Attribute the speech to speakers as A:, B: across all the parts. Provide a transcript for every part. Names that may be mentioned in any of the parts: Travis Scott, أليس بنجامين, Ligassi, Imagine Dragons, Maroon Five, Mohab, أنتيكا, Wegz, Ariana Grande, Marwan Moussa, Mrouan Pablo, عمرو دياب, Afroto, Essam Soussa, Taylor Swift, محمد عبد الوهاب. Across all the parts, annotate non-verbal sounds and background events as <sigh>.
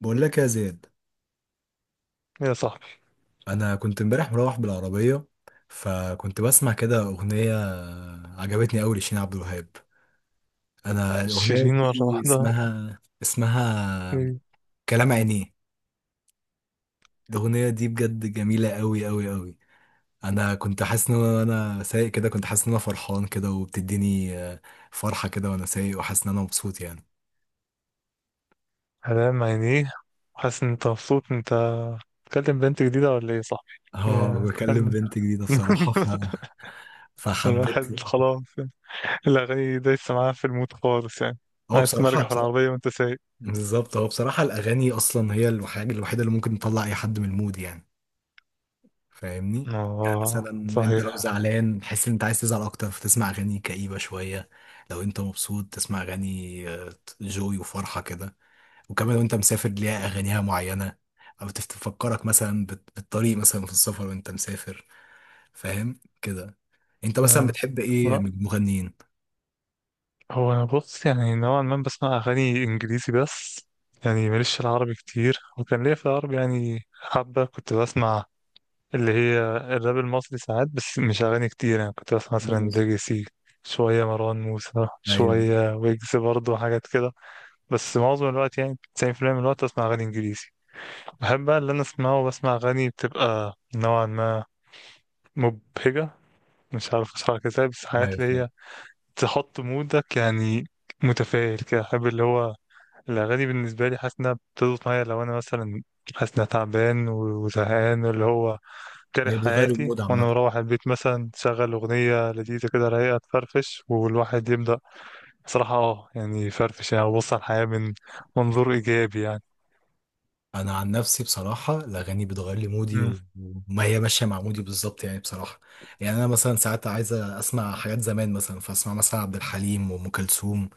A: بقول لك يا زياد،
B: يا صاحبي،
A: انا كنت امبارح مروح بالعربيه، فكنت بسمع كده اغنيه عجبتني قوي لشيرين عبد الوهاب. انا الاغنيه
B: شيرين مرة
A: دي
B: واحدة؟
A: اسمها
B: إيه،
A: كلام عينيه. الاغنيه دي بجد جميله قوي قوي قوي. انا كنت حاسس ان انا وأنا سايق كده كنت حاسس ان انا فرحان كده وبتديني فرحه كده، وانا سايق وحاسس ان انا مبسوط يعني.
B: هلام عينيه. حاسس ان انت مبسوط؟ انت بتكلم بنت جديدة ولا ايه يا صاحبي؟
A: اه
B: إيه،
A: بكلم
B: بتكلم.
A: بنت جديده
B: <laughs>
A: بصراحه فحبيت.
B: الواحد خلاص يعني. الأغاني دايسة معاه في الموت خالص يعني.
A: هو
B: قاعد
A: بصراحه
B: تمرجح في
A: بصراحه
B: العربية وانت سايق.
A: بالظبط، هو بصراحة الأغاني أصلا هي الحاجة الوحيدة اللي ممكن تطلع أي حد من المود يعني. فاهمني؟ يعني
B: اه،
A: مثلا أنت لو
B: صحيح.
A: زعلان تحس إن أنت عايز تزعل أكتر فتسمع أغاني كئيبة شوية، لو أنت مبسوط تسمع أغاني جوي وفرحة كده، وكمان لو أنت مسافر ليها أغانيها معينة أو تفكرك مثلا بالطريق مثلا في السفر وأنت مسافر. فاهم؟ كده أنت مثلا
B: أيوة.
A: بتحب إيه
B: لا،
A: من المغنيين؟
B: هو انا بص يعني نوعا ما بسمع أغاني إنجليزي بس، يعني ماليش في العربي كتير. وكان ليا في العربي يعني حبة كنت بسمع، اللي هي الراب المصري ساعات، بس مش أغاني كتير. يعني كنت بسمع مثلا
A: بالنسبة،
B: ليجاسي، شوية مروان موسى،
A: ايوه،
B: شوية ويجز برضه حاجات كده. بس معظم الوقت يعني 90% من الوقت أسمع أغاني إنجليزي. بحب بقى اللي أنا أسمعه، بسمع أغاني بتبقى نوعا ما مبهجة. مش عارف أشرحها ازاي، بس
A: ايوه
B: حاجات اللي
A: فاهم.
B: هي تحط مودك يعني متفائل كده. أحب اللي هو الأغاني بالنسبة لي، حاسس إنها بتضبط معايا. لو أنا مثلا حاسس إنها تعبان وزهقان، اللي هو كاره
A: هي بتغير
B: حياتي،
A: المود
B: وانا
A: عامة.
B: مروح البيت مثلا، تشغل اغنيه لذيذه كده رايقه تفرفش والواحد يبدا. صراحه اه، يعني يفرفش، يعني يبص على الحياه من منظور ايجابي يعني.
A: انا عن نفسي بصراحه الاغاني بتغير لي مودي
B: امم.
A: وما هي ماشيه مع مودي بالظبط يعني بصراحه. يعني انا مثلا ساعات عايزه اسمع حاجات زمان مثلا فاسمع مثلا عبد الحليم وام كلثوم،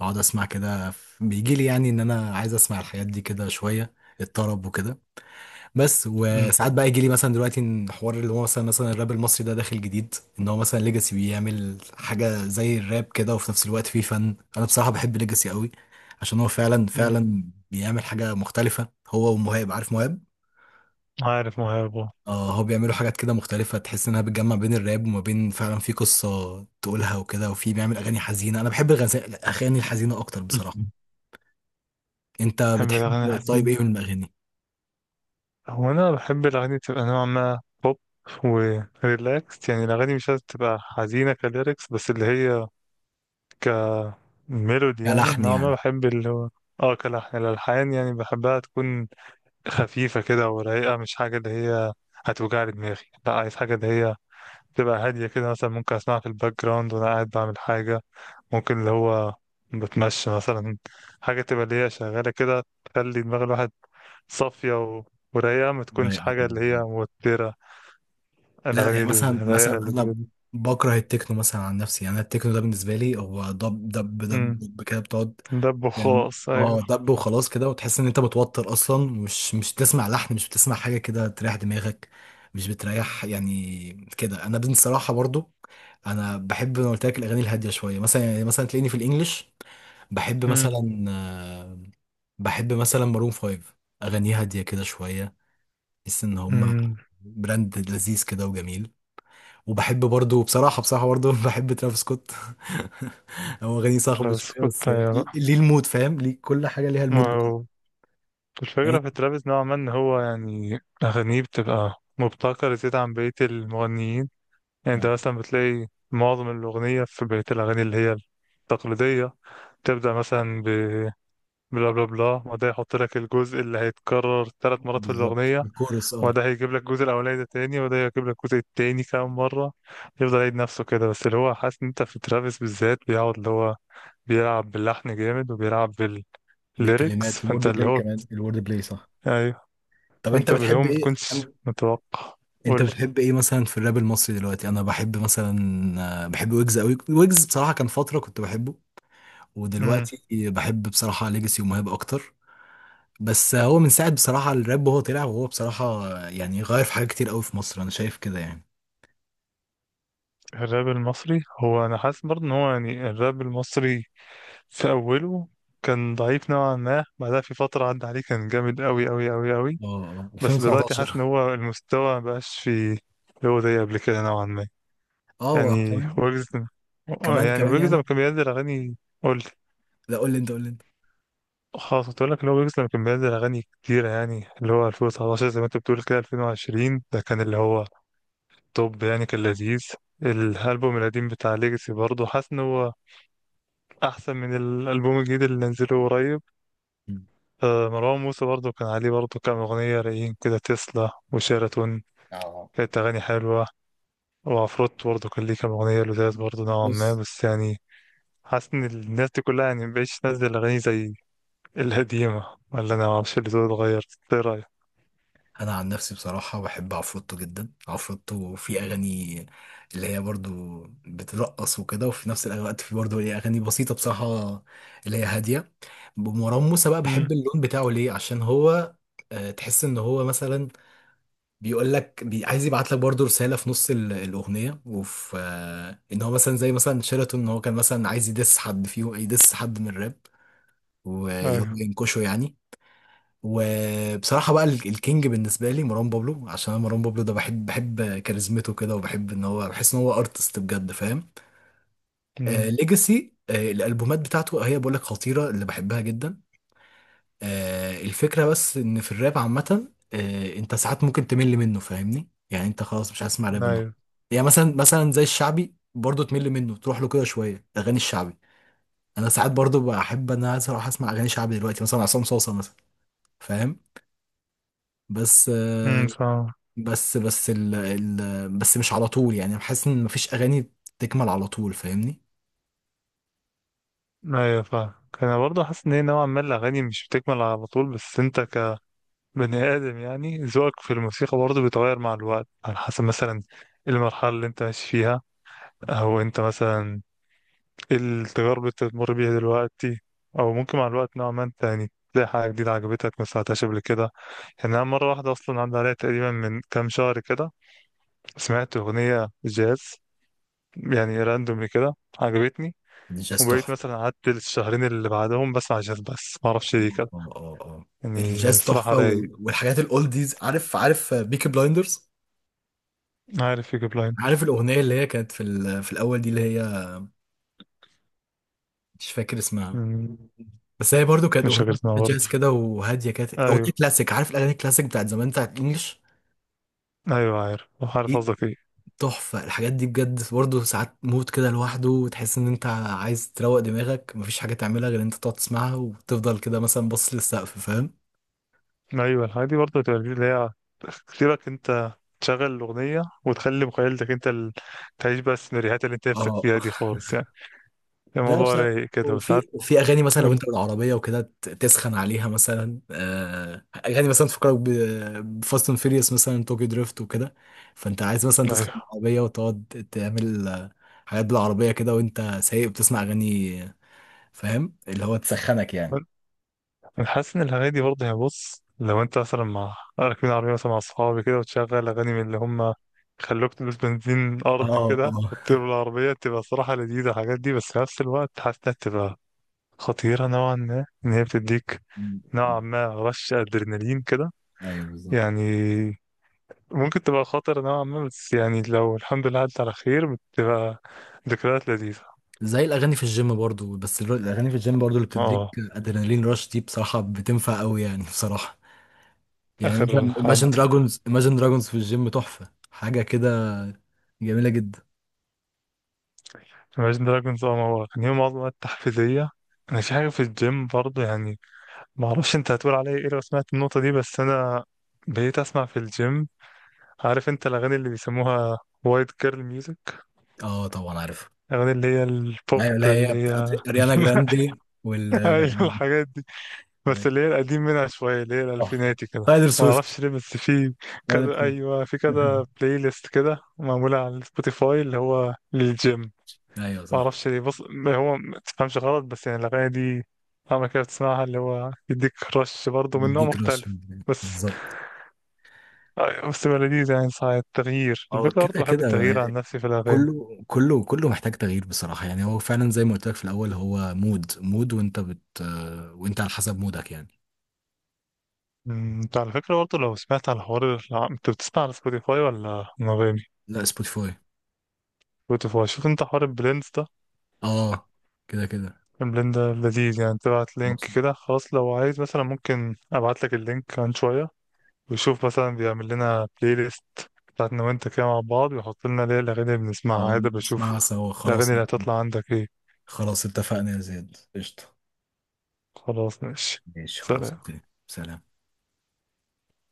A: اقعد اسمع كده، بيجي لي يعني ان انا عايز اسمع الحاجات دي كده شويه، الطرب وكده. بس
B: امم.
A: وساعات بقى يجي لي مثلا دلوقتي إن حوار اللي هو مثلا الراب المصري ده داخل جديد، ان هو مثلا ليجاسي بيعمل حاجه زي الراب كده وفي نفس الوقت فيه فن. انا بصراحه بحب ليجاسي قوي عشان هو فعلا
B: أمم.
A: فعلا بيعمل حاجه مختلفه، هو ومهاب. عارف مهاب؟
B: عارف مهاب، آه.
A: اه هو بيعملوا حاجات كده مختلفه تحس انها بتجمع بين الراب وما بين فعلا في قصه تقولها وكده، وفي بيعمل اغاني حزينه. انا بحب الاغاني الحزينه اكتر
B: أمم.
A: بصراحه. انت
B: بحب الاغاني
A: بتحب طيب
B: الحزينه.
A: ايه من الاغاني؟
B: هو انا بحب الاغاني تبقى نوعا ما بوب وريلاكس. يعني الاغاني مش لازم تبقى حزينه كليركس، بس اللي هي كميلودي. يعني
A: كلحن
B: نوعا ما
A: يعني.
B: بحب اللي هو، اه، كلحن، الالحان يعني. بحبها تكون خفيفة كده ورايقة، مش حاجة اللي هي هتوجع لي دماغي. لا، عايز حاجة اللي هي تبقى هادية كده. مثلا ممكن أسمعها في الباك جراوند وأنا قاعد بعمل حاجة. ممكن اللي هو بتمشى مثلا، حاجة تبقى اللي هي شغالة كده تخلي دماغ الواحد صافية و... ورايقة، ما تكونش
A: رايقه
B: حاجة
A: كده.
B: اللي هي موترة.
A: لا
B: الأغاني
A: يعني مثلا
B: الرايقة
A: مثلا
B: اللي
A: انا
B: بجد.
A: بكره التكنو مثلا عن نفسي. يعني أنا التكنو ده بالنسبه لي هو دب دب
B: امم.
A: دب دب كده بتقعد.
B: ده
A: يعني
B: بخاص، أيوه.
A: اه دب وخلاص كده، وتحس ان انت متوتر اصلا، مش بتسمع لحن، مش بتسمع حاجه كده تريح دماغك. مش بتريح يعني كده. انا بصراحه برضو انا بحب، انا قلت لك، الاغاني الهاديه شويه مثلا. يعني مثلا تلاقيني في الانجليش بحب
B: مم.
A: مثلا بحب مثلا مارون فايف، اغانيه هاديه كده شويه، بحس ان هم
B: مم.
A: براند لذيذ كده وجميل. وبحب برضو بصراحة برضو <laughs> بحب ترافيس سكوت. <laughs> هو غني صاخب
B: بس
A: شوية بس
B: كنت أيوة. بقى،
A: ليه المود، فاهم؟ ليه كل حاجة ليها
B: ما
A: المود بتاعها
B: هو
A: يعني.
B: الفكرة في ترافيس نوعا ما إن هو يعني أغانيه بتبقى مبتكرة زيادة عن بقية المغنيين. يعني أنت
A: يعني
B: مثلا بتلاقي معظم الأغنية في بقية الأغاني اللي هي التقليدية تبدأ مثلا ب بلا بلا بلا، وده يحط لك الجزء اللي هيتكرر ثلاث مرات في
A: بالظبط،
B: الأغنية.
A: الكورس، اه
B: وده هيجيب لك الجزء الأولاني ده تاني، وده هيجيب لك الجزء التاني كام مرة. يفضل يعيد نفسه كده. بس اللي هو حاسس إن أنت في ترافيس بالذات بيقعد اللي هو بيلعب باللحن جامد وبيلعب بالليركس.
A: بالكلمات،
B: فأنت
A: الورد
B: اللي
A: بلاي
B: هو
A: كمان، الورد بلاي صح.
B: أيوه،
A: طب انت
B: فانت اللي هو
A: بتحب
B: ما
A: ايه
B: تكونش متوقع. قول
A: انت
B: لي.
A: بتحب ايه مثلا في الراب المصري دلوقتي؟ انا بحب مثلا بحب ويجز قوي. ويجز بصراحة كان فترة كنت بحبه،
B: امم.
A: ودلوقتي بحب بصراحة ليجاسي ومهاب اكتر. بس هو من ساعة بصراحة الراب وهو طلع، وهو بصراحة يعني غير في حاجات كتير قوي في مصر، انا شايف كده يعني.
B: الراب المصري، هو انا حاسس برضه ان هو يعني الراب المصري في اوله كان ضعيف نوعا ما. بعدها في فترة عدى عليه كان جامد قوي قوي قوي قوي.
A: اه
B: بس دلوقتي حاسس
A: 2019.
B: ان هو المستوى مبقاش في اللي هو زي قبل كده نوعا ما.
A: اه
B: يعني
A: وكمان،
B: ويجز،
A: كمان
B: يعني
A: كمان
B: ويجز لما
A: يعني.
B: كان بينزل اغاني. قول لي.
A: لا قول لي انت، قول لي انت.
B: خلاص كنت اقول لك اللي هو ويجز لما كان بينزل اغاني كتيرة يعني اللي هو 2019 زي ما انت بتقول كده، 2020 ده كان اللي هو طب يعني كان لذيذ. الألبوم القديم بتاع ليجاسي برضه حاسس إن هو أحسن من الألبوم الجديد اللي نزله قريب.
A: مم.
B: مروان موسى برضه كان عليه برضه كام أغنية رايقين كده، تسلا وشيراتون،
A: اه
B: كانت أغاني حلوة. وعفروت برضه كان ليه كام أغنية لذاذ برضه نوعا ما،
A: بص
B: بس يعني حاسس إن الناس دي كلها يعني مبقتش تنزل أغاني زي القديمة. ولا أنا معرفش اللي دول اتغير؟ إيه رأيك؟
A: انا عن نفسي بصراحه بحب عفروتو جدا. عفروتو في اغاني اللي هي برضو بترقص وكده، وفي نفس الوقت في برضو ايه اغاني بسيطه بصراحه اللي هي هاديه. مروان موسى بقى
B: أمم.
A: بحب اللون بتاعه ليه عشان هو تحس ان هو مثلا بيقول لك عايز يبعت لك برضه رساله في نص الاغنيه، وفي ان هو مثلا زي مثلا شيراتون ان هو كان مثلا عايز يدس حد فيه، يدس حد من الراب وهو
B: أيوه.
A: ينكشه يعني. وبصراحه بقى الكينج بالنسبه لي مروان بابلو، عشان انا مروان بابلو ده بحب، بحب كاريزمته كده، وبحب ان هو بحس ان هو ارتست بجد، فاهم؟ آه
B: أمم.
A: ليجاسي، آه الالبومات بتاعته هي بقول لك خطيره، اللي بحبها جدا. الفكرة بس ان في الراب عامة انت ساعات ممكن تمل منه، فاهمني؟ يعني انت خلاص مش هتسمع راب النهارده.
B: أيوه.
A: يعني مثلا زي الشعبي برضه تمل منه، تروح له كده شوية اغاني الشعبي. انا ساعات برضه بحب ان انا اروح اسمع اغاني شعبي دلوقتي، مثلا عصام صوصة مثلا، فاهم؟ بس
B: أمم، فاهم.
A: بس بس ال ال بس مش على طول يعني، بحس ان مفيش اغاني تكمل على طول، فاهمني؟
B: ايوه، فاهم. انا برضه حاسس ان هي نوعا ما الاغاني مش بتكمل على طول، بس انت كبني ادم يعني ذوقك في الموسيقى برضه بيتغير مع الوقت على حسب مثلا إيه المرحله اللي انت ماشي فيها، او انت مثلا إيه التجارب اللي انت بتمر بيها دلوقتي. او ممكن مع الوقت نوعا ما انت يعني تلاقي حاجه جديده عجبتك ما سمعتهاش قبل كده. يعني انا مره واحده اصلا عدى عليا تقريبا من كام شهر كده سمعت اغنيه جاز، يعني راندوم كده عجبتني.
A: الجاز
B: وبقيت
A: تحفة.
B: مثلا قعدت الشهرين اللي بعدهم بسمع جاز بس ما اعرفش ليه
A: اه
B: كده.
A: اه اه
B: يعني
A: الجاز
B: صراحة
A: تحفة،
B: رايق.
A: والحاجات الاولديز، عارف؟ عارف بيكي بلايندرز؟
B: عارف يجيب لاين.
A: عارف الأغنية اللي هي كانت في في الأول دي اللي هي، مش فاكر اسمها،
B: مم،
A: بس هي برضو كانت
B: مش
A: أغنية
B: فاكر اسمها
A: فيها
B: برضه.
A: جاز كده وهادية، كانت أغنية
B: أيوه.
A: كلاسيك. عارف الأغاني الكلاسيك بتاعت زمان بتاعت الإنجليش؟
B: أيوه عارف. عارف
A: دي
B: قصدك إيه.
A: تحفة. الحاجات دي بجد برضو ساعات مود كده لوحده، وتحس إن أنت عايز تروق دماغك، مفيش حاجة تعملها غير إن أنت تقعد تسمعها وتفضل كده مثلا باصص للسقف، فاهم؟
B: أيوه، الحاجات دي برضه بتبقى اللي هي اختيارك أنت، تشغل الأغنية وتخلي مخيلتك أنت ال... تعيش بقى السيناريوهات اللي أنت نفسك
A: اه.
B: فيها دي خالص يعني.
A: لا
B: الموضوع
A: بصراحة،
B: رايق كده وساعات.
A: وفي، وفي اغاني مثلا لو
B: قول.
A: انت بالعربيه وكده تسخن عليها مثلا اغاني مثلا تفكرك بفاست اند فيريوس مثلا، توكي دريفت وكده، فانت عايز مثلا
B: أيوه،
A: تسخن العربيه وتقعد تعمل حاجات بالعربيه كده، وانت سايق بتسمع اغاني فاهم اللي هو تسخنك يعني.
B: انا حاسس ان الاغاني دي برضه هي، بص لو انت مثلا مع راكبين عربيه مثلا مع اصحابي كده، وتشغل اغاني من اللي هم خلوك تلبس بنزين ارض
A: اه
B: كده
A: اه
B: وتطير بالعربيه، تبقى صراحه لذيذه الحاجات دي. بس في نفس الوقت حاسس انها تبقى خطيره نوعا ما، ان هي بتديك
A: م- م.
B: نوعا ما رش ادرينالين كده.
A: ايوه بالظبط.
B: يعني ممكن تبقى خطر نوعا ما، بس يعني لو الحمد لله عدت على خير بتبقى ذكريات لذيذه.
A: زي الاغاني في الجيم برضو، بس الاغاني في الجيم برضو اللي بتديك
B: اه،
A: ادرينالين رش دي بصراحه بتنفع قوي يعني بصراحه. يعني
B: اخر
A: مثلا Imagine Dragons في الجيم تحفة، حاجة كده جميلة جدا.
B: Imagine Dragons. اه، ما هو كان يوم عظمة تحفيزية. أنا في حاجة في الجيم برضه يعني، ما أعرفش أنت هتقول عليا إيه لو سمعت النقطة دي. بس أنا بقيت أسمع في الجيم، عارف أنت الأغاني اللي بيسموها وايت جيرل ميوزك،
A: اه طبعا عارف.
B: الأغاني اللي هي البوب
A: ايوه اللي
B: اللي
A: هي بتاع
B: هي.
A: اريانا
B: <laughs>
A: جراندي وال
B: أيوة الحاجات دي، بس اللي هي
A: <laughs>
B: القديم منها شوية اللي هي
A: تحفة.
B: الألفيناتي كده.
A: تايلر
B: ما
A: سويفت.
B: أعرفش ليه، بس في
A: تايلر
B: كذا،
A: سويفت.
B: أيوة، في كذا
A: <laughs>
B: بلاي ليست كده معمولة على سبوتيفاي اللي هو للجيم.
A: ايوه
B: ما
A: صح.
B: اعرفش ليه. بص، ما هو ما تفهمش غلط، بس يعني الاغاني دي اما كده بتسمعها اللي هو يديك رش برضه من نوع
A: دي كراش.
B: مختلف. بس
A: بالظبط.
B: بس بقى لذيذ يعني ساعة التغيير.
A: هو
B: الفكرة
A: كده
B: برضه بحب
A: كده هو،
B: التغيير عن نفسي في الأغاني.
A: كله محتاج تغيير بصراحة يعني. هو فعلا زي ما قلت لك في الأول، هو مود وانت بت، وانت على حسب مودك يعني.
B: انت على فكرة برضه لو سمعت على حوار انت بتسمع على سبوتيفاي ولا انغامي؟
A: لا سبوتيفاي.
B: سبوتيفاي. شوف انت حوار البليندز ده.
A: اه كده كده.
B: البليند ده لذيذ، يعني تبعت لينك كده. خلاص، لو عايز مثلا ممكن ابعت لك اللينك عن شوية، ويشوف مثلا بيعمل لنا بلاي ليست بتاعتنا وانت كده مع بعض، ويحط لنا ليه الأغاني اللي بنسمعها
A: اه
B: عادي. بشوف
A: نسمعها سوا
B: الأغاني
A: خلاص.
B: اللي هتطلع عندك ايه.
A: خلاص اتفقنا يا زياد، قشطة.
B: خلاص ماشي.
A: ماشي، خلاص،
B: سلام.
A: اوكي. سلام.